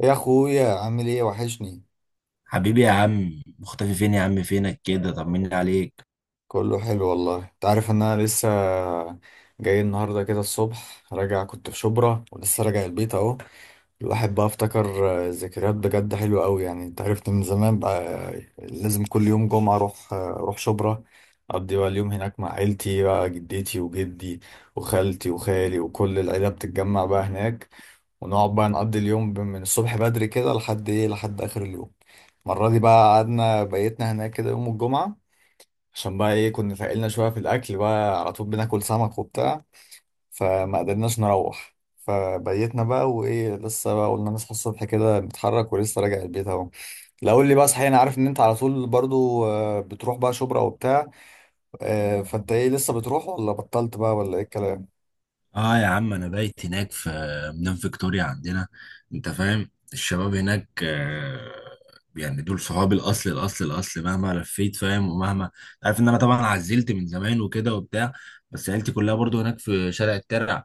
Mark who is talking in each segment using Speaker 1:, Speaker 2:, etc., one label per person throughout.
Speaker 1: يا اخويا، عامل ايه؟ وحشني.
Speaker 2: حبيبي يا عم، مختفي فين يا عم؟ فينك كده؟ طمني عليك.
Speaker 1: كله حلو والله، انت عارف ان انا لسه جاي النهارده كده، الصبح راجع، كنت في شبرا ولسه راجع البيت اهو. الواحد بقى افتكر، ذكريات بجد حلوه قوي، يعني انت عرفت من زمان بقى. لازم كل يوم جمعه اروح، اروح شبرا، اقضي بقى اليوم هناك مع عيلتي، بقى جدتي وجدي وخالتي وخالي وكل العيله بتتجمع بقى هناك، ونقعد بقى نقضي اليوم من الصبح بدري كده لحد ايه، لحد اخر اليوم. المرة دي بقى قعدنا بيتنا هناك كده يوم الجمعة، عشان بقى ايه، كنا فاقلنا شوية في الاكل، بقى على طول بناكل سمك وبتاع، فما قدرناش نروح فبيتنا بقى، وايه لسه بقى قلنا نصحى الصبح كده نتحرك، ولسه راجع البيت اهو. لا قول لي بقى صحيح، انا عارف ان انت على طول برضو بتروح بقى شبرا وبتاع، فانت ايه، لسه بتروح ولا بطلت بقى، ولا ايه الكلام؟
Speaker 2: اه يا عم، انا بايت هناك في مدينة فيكتوريا عندنا. انت فاهم الشباب هناك؟ يعني دول صحابي الاصل، مهما لفيت فاهم، ومهما عارف ان انا طبعا عزلت من زمان وكده وبتاع. بس عيلتي كلها برضو هناك في شارع الترع.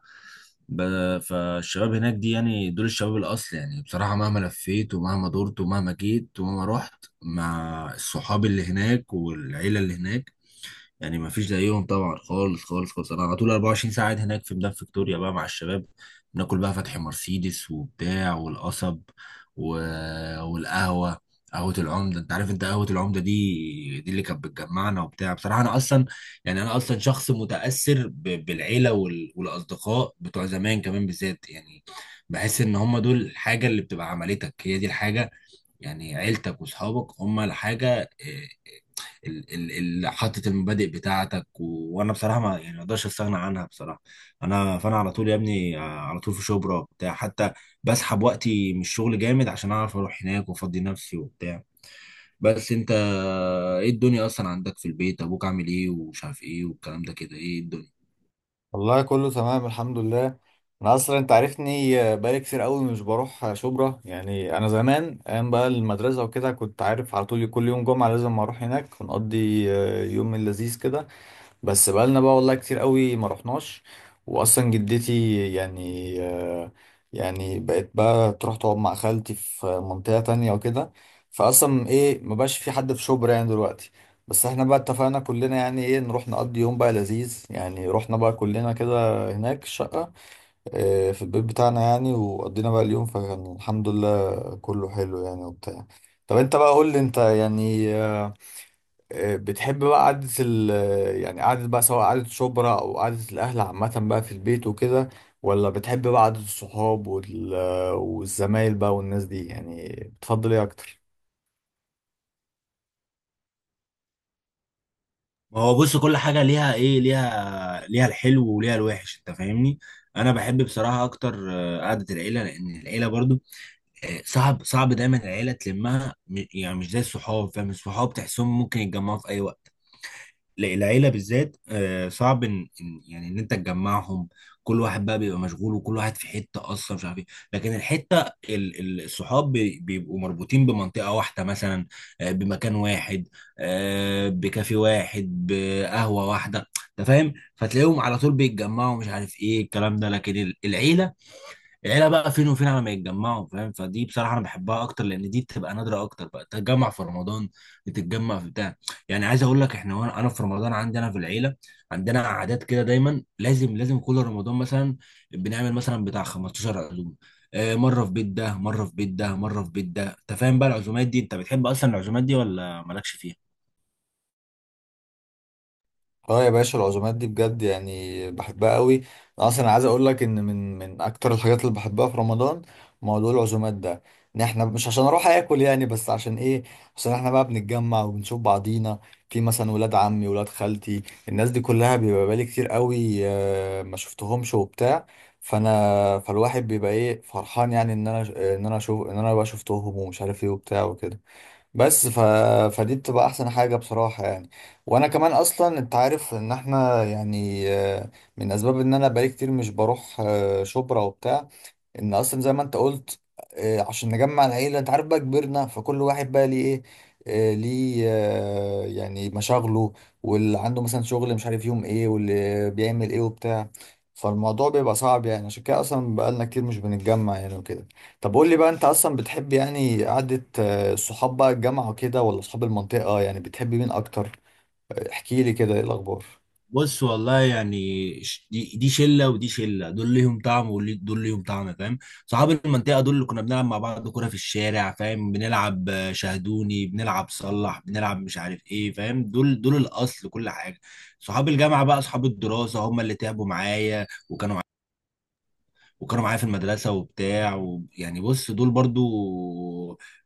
Speaker 2: فالشباب هناك دي، يعني دول الشباب الاصل. يعني بصراحة مهما لفيت ومهما دورت ومهما جيت ومهما رحت مع الصحاب اللي هناك والعيلة اللي هناك، يعني ما فيش زيهم طبعا، خالص خالص خالص. انا على طول 24 ساعه قاعد هناك في ميدان فيكتوريا بقى مع الشباب. بناكل بقى فتحي مرسيدس وبتاع والقصب و... والقهوه. قهوه العمده، انت عارف انت قهوه العمده دي اللي كانت بتجمعنا وبتاع. بصراحه انا اصلا، يعني انا اصلا شخص متاثر بالعيله والاصدقاء بتوع زمان كمان بالذات، يعني بحس ان هم دول الحاجه اللي بتبقى عملتك، هي دي الحاجه. يعني عيلتك واصحابك هم الحاجه اللي حاطط المبادئ بتاعتك. وانا بصراحه ما يعني ما اقدرش استغنى عنها بصراحه. انا فانا على طول يا ابني، على طول في شبرا وبتاع. حتى بسحب وقتي من الشغل جامد عشان اعرف اروح هناك وافضي نفسي وبتاع. بس انت، ايه الدنيا اصلا؟ عندك في البيت ابوك عامل ايه ومش عارف ايه والكلام ده كده؟ ايه الدنيا؟
Speaker 1: والله كله تمام الحمد لله. انا اصلا انت عارفني بقالي كتير قوي مش بروح شبرا، يعني انا زمان ايام بقى المدرسه وكده كنت عارف على طول كل يوم جمعه لازم اروح هناك، ونقضي يوم لذيذ كده. بس بقالنا بقى والله كتير قوي ما رحناش، واصلا جدتي يعني يعني بقت بقى تروح تقعد مع خالتي في منطقة تانية وكده، فاصلا ايه، ما بقاش في حد في شبرا يعني دلوقتي. بس احنا بقى اتفقنا كلنا يعني ايه نروح نقضي يوم بقى لذيذ، يعني رحنا بقى كلنا كده هناك الشقة، في البيت بتاعنا يعني، وقضينا بقى اليوم، فكان الحمد لله كله حلو يعني وبتاع. طب انت بقى قول لي، انت يعني بتحب بقى قعدة يعني قعدة بقى، سواء قعدة شبرا أو قعدة الأهل عامة بقى في البيت وكده، ولا بتحب بقى قعدة الصحاب والزمايل بقى والناس دي يعني، بتفضل إيه أكتر؟
Speaker 2: ما هو بص، كل حاجه ليها ايه، ليها، ليها الحلو وليها الوحش، انت فاهمني. انا بحب بصراحه اكتر قعده العيله، لان العيله برضو صعب دايما العيله تلمها. يعني مش زي الصحاب، فاهم؟ الصحاب تحسهم ممكن يتجمعوا في اي وقت. لا العيله بالذات صعب يعني ان انت تجمعهم. كل واحد بقى بيبقى مشغول وكل واحد في حته، اصلا مش عارف ايه. لكن الحته الصحاب بيبقوا مربوطين بمنطقه واحده مثلا، بمكان واحد، بكافي واحد، بقهوه واحده، انت فاهم. فتلاقيهم على طول بيتجمعوا، مش عارف ايه الكلام ده. لكن العيله، العيله بقى فين وفين على ما يتجمعوا، فاهم؟ فدي بصراحه انا بحبها اكتر، لان دي بتبقى نادره اكتر بقى. تتجمع في رمضان، بتتجمع في بتاع. يعني عايز اقول لك احنا، وانا في رمضان عندنا في العيله عندنا عادات كده، دايما لازم كل رمضان مثلا بنعمل مثلا بتاع 15 عزومه. مره في بيت ده، مره في بيت ده، مره في بيت ده، انت فاهم بقى. العزومات دي انت بتحب اصلا العزومات دي ولا مالكش فيها؟
Speaker 1: اه يا باشا، العزومات دي بجد يعني بحبها قوي. انا اصلا عايز اقول لك ان من اكتر الحاجات اللي بحبها في رمضان موضوع العزومات ده، ان احنا مش عشان اروح اكل يعني، بس عشان ايه، عشان احنا بقى بنتجمع وبنشوف بعضينا، في مثلا ولاد عمي ولاد خالتي، الناس دي كلها بيبقى بقالي كتير قوي ما شفتهمش وبتاع. فانا فالواحد بيبقى ايه فرحان، يعني ان انا ان انا اشوف ان انا بقى شفتهم ومش عارف ايه وبتاع وكده. بس ف... فدي بتبقى احسن حاجة بصراحة يعني. وانا كمان اصلا انت عارف ان احنا يعني من اسباب ان انا بقالي كتير مش بروح شبرا وبتاع، ان اصلا زي ما انت قلت عشان نجمع العيله، انت عارف بقى كبرنا، فكل واحد بقى ليه ايه ليه يعني مشاغله، واللي عنده مثلا شغل مش عارف يوم ايه، واللي بيعمل ايه وبتاع، فالموضوع بيبقى صعب يعني، عشان كده اصلا بقالنا كتير مش بنتجمع يعني وكده. طب قول لي بقى، انت اصلا بتحب يعني قعده الصحاب بقى الجامعه وكده ولا اصحاب المنطقه، يعني بتحب مين اكتر؟ احكي لي كده، ايه الاخبار؟
Speaker 2: بص والله، يعني دي شله ودي شله. دول ليهم طعم ودول ليهم طعم، فاهم. صحاب المنطقه دول اللي كنا بنلعب مع بعض كوره في الشارع، فاهم، بنلعب شاهدوني، بنلعب صلح، بنلعب مش عارف ايه، فاهم. دول الاصل، كل حاجه. صحاب الجامعه بقى، صحاب الدراسه، هم اللي تعبوا معايا وكانوا معايا في المدرسة وبتاع. ويعني بص، دول برضو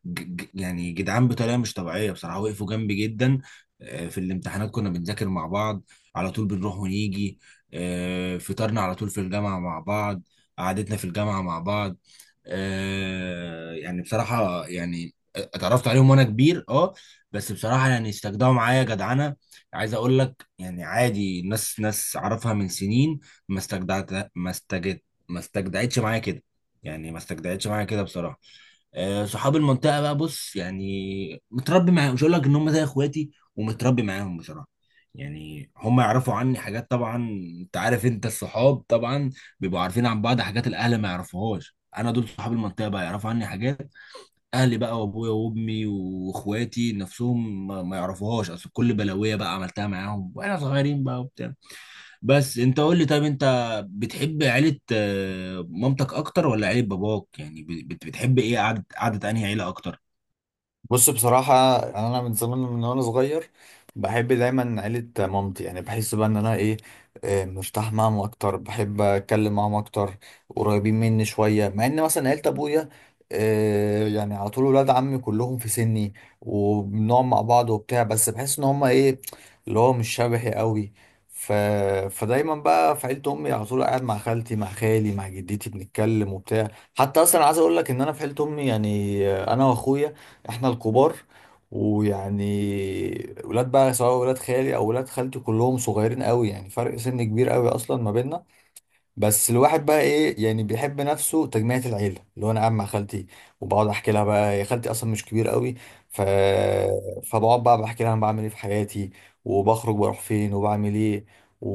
Speaker 2: يعني جدعان بطريقة مش طبيعية بصراحة، وقفوا جنبي جدا. في الامتحانات كنا بنذاكر مع بعض، على طول بنروح ونيجي، فطرنا على طول في الجامعة مع بعض، قعدتنا في الجامعة مع بعض. يعني بصراحة يعني اتعرفت عليهم وانا كبير، اه، بس بصراحة يعني استجدعوا معايا جدعنة. عايز اقول لك يعني، عادي، ناس اعرفها من سنين ما استجدعت، ما استجدعتهاش، ما استجدعتش معايا كده. يعني ما استجدعتش معايا كده بصراحه. صحاب المنطقه بقى، بص، يعني متربي معاهم، مش هقول لك ان هم زي اخواتي ومتربي معاهم بصراحه. يعني هم يعرفوا عني حاجات طبعا، انت عارف انت الصحاب طبعا بيبقوا عارفين عن بعض حاجات الاهل ما يعرفوهاش. انا دول صحاب المنطقه بقى يعرفوا عني حاجات اهلي بقى وابويا وامي واخواتي نفسهم ما يعرفوهاش، اصل كل بلاويه بقى عملتها معاهم واحنا صغيرين بقى وبتاع. بس انت قول لي، طيب انت بتحب عيلة مامتك اكتر ولا عيلة باباك؟ يعني بتحب ايه، قعدة، قعدة انهي عيلة اكتر؟
Speaker 1: بص بصراحة، أنا من زمان من وأنا صغير بحب دايما عيلة مامتي، يعني بحس بقى إن أنا إيه، مرتاح معاهم أكتر، بحب أتكلم معاهم أكتر، قريبين مني شوية، مع إن مثلا عيلة أبويا يعني على طول ولاد عمي كلهم في سني، وبنقعد مع بعض وبتاع، بس بحس إن هما إيه، اللي هو مش شبهي قوي. ف... فدايما بقى في عيلة أمي على طول قاعد مع خالتي مع خالي مع جدتي بنتكلم وبتاع. حتى أصلا عايز أقول لك إن أنا في عيلة أمي يعني أنا وأخويا احنا الكبار، ويعني ولاد بقى سواء ولاد خالي او ولاد خالتي كلهم صغيرين قوي، يعني فرق سن كبير قوي اصلا ما بيننا. بس الواحد بقى ايه يعني بيحب نفسه تجميعة العيله، اللي هو انا قاعد مع خالتي وبقعد احكي لها بقى، هي خالتي اصلا مش كبير قوي، ف فبقعد بقى بحكي لها انا بعمل ايه في حياتي، وبخرج بروح فين وبعمل ايه و...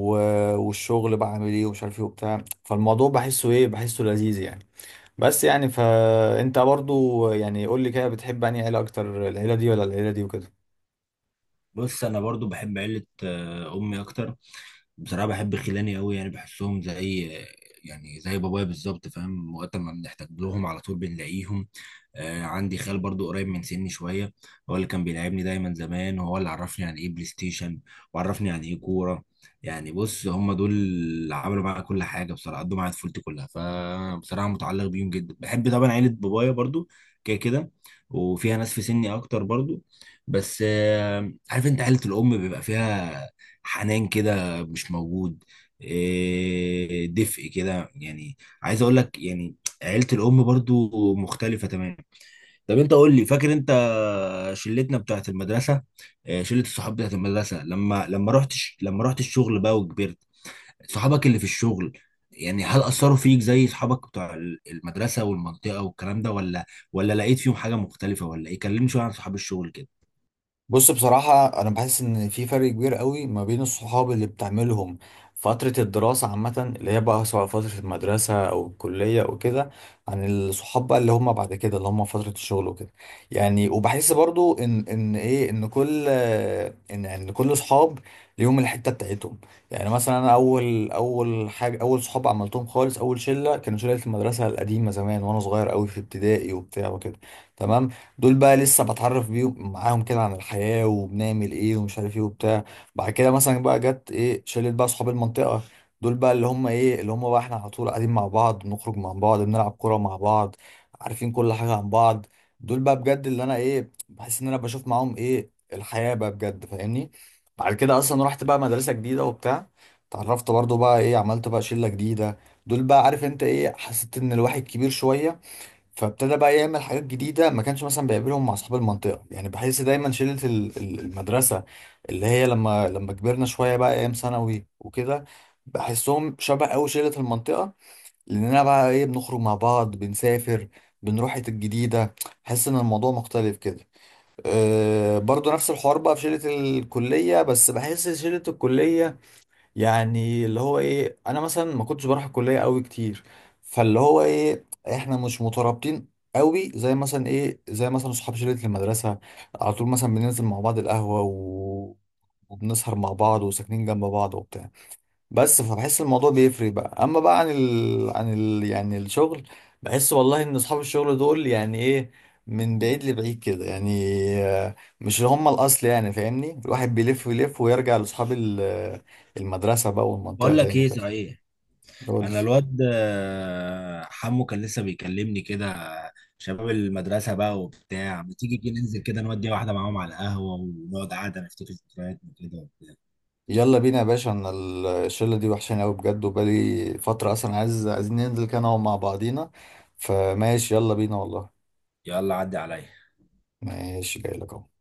Speaker 1: والشغل بعمل ايه، ومش عارف ايه وبتاع، فالموضوع بحسه ايه، بحسه لذيذ يعني. بس يعني فانت برضو يعني قول لي كده، بتحب انهي عيله اكتر، العيله دي ولا العيله دي وكده؟
Speaker 2: بص، انا برضو بحب عيلة امي اكتر بصراحة، بحب خلاني قوي، يعني بحسهم زي، يعني زي بابايا بالظبط، فاهم. وقت ما بنحتاج لهم على طول بنلاقيهم. آه، عندي خال برضو قريب من سني شوية، هو اللي كان بيلعبني دايما زمان، وهو اللي عرفني يعني ايه بلاي ستيشن، وعرفني يعني ايه كورة. يعني بص، هم دول اللي عملوا معايا كل حاجة بصراحة، قضوا معايا طفولتي كلها. فبصراحة متعلق بيهم جدا. بحب طبعا عيلة بابايا برضو كده كده، وفيها ناس في سني اكتر برضو، بس آه، عارف، انت عيلة الام بيبقى فيها حنان كده مش موجود، دفء كده، يعني عايز اقول لك، يعني عيلة الام برضو مختلفة تماما. طب انت قول لي، فاكر انت شلتنا بتاعت المدرسة، شلة الصحاب بتاعت المدرسة؟ لما رحت لما رحت الشغل بقى وكبرت، صحابك اللي في الشغل، يعني هل أثروا فيك زي صحابك بتوع المدرسة والمنطقة والكلام ده؟ ولا لقيت فيهم حاجة مختلفة، ولا ايه؟ كلمني شوية عن صحاب الشغل كده.
Speaker 1: بص بصراحة، أنا بحس إن في فرق كبير قوي ما بين الصحاب اللي بتعملهم فترة الدراسة عامة، اللي هي بقى سواء فترة المدرسة أو الكلية أو كده، عن الصحاب بقى اللي هم بعد كده، اللي هم فترة الشغل وكده. يعني وبحس برضو إن إيه، إن كل إن كل صحاب ليهم الحتة بتاعتهم. يعني مثلا أنا أول أول حاجة، أول صحاب عملتهم خالص، أول شلة كانوا شلة المدرسة القديمة زمان، وأنا صغير قوي في ابتدائي وبتاع وكده، تمام. دول بقى لسه بتعرف بيهم معاهم كده عن الحياة وبنعمل ايه ومش عارف ايه وبتاع. بعد كده مثلا بقى جت ايه شلت بقى صحاب المنطقة، دول بقى اللي هم ايه، اللي هم بقى احنا على طول قاعدين مع بعض، بنخرج مع بعض، بنلعب كورة مع بعض، عارفين كل حاجة عن بعض، دول بقى بجد اللي انا ايه بحس ان انا بشوف معاهم ايه الحياة بقى بجد فاهمني. بعد كده اصلا رحت بقى مدرسة جديدة وبتاع، اتعرفت برضو بقى ايه، عملت بقى شلة جديدة، دول بقى عارف انت ايه، حسيت ان الواحد كبير شوية، فابتدى بقى يعمل حاجات جديدة ما كانش مثلا بيقابلهم مع أصحاب المنطقة، يعني بحس دايما شلة المدرسة، اللي هي لما كبرنا شوية بقى أيام ثانوي وكده، بحسهم شبه أوي شلة المنطقة، لأننا بقى إيه بنخرج مع بعض، بنسافر، بنروح حتت جديدة، بحس إن الموضوع مختلف كده. أه برضو نفس الحوار بقى في شلة الكلية، بس بحس شلة الكلية يعني اللي هو ايه، انا مثلا ما كنتش بروح الكليه قوي كتير، فاللي هو ايه، احنا مش مترابطين قوي زي مثلا ايه، زي مثلا صحاب شله المدرسه، على طول مثلا بننزل مع بعض القهوه وبنسهر مع بعض وساكنين جنب بعض وبتاع. بس فبحس الموضوع بيفرق بقى، اما بقى عن يعني الشغل، بحس والله ان اصحاب الشغل دول يعني ايه، من بعيد لبعيد كده يعني، مش هم الاصل يعني فاهمني، الواحد بيلف ويلف ويرجع لاصحاب المدرسة بقى والمنطقة
Speaker 2: بقول لك
Speaker 1: تاني
Speaker 2: ايه،
Speaker 1: كده.
Speaker 2: صحيح،
Speaker 1: قول لي.
Speaker 2: انا الواد حمو كان لسه بيكلمني كده، شباب المدرسه بقى وبتاع، ما تيجي كده ننزل كده، نودي واحده معاهم على القهوه ونقعد قعده نفتكر ذكرياتنا كده وبتاع.
Speaker 1: يلا بينا يا باشا، انا الشلة دي وحشاني قوي بجد، وبقالي فترة اصلا عايز، عايزين ننزل كده نقعد مع بعضينا، فماشي يلا بينا والله.
Speaker 2: يلا عدي عليا.
Speaker 1: ماشي جاي لك اهو.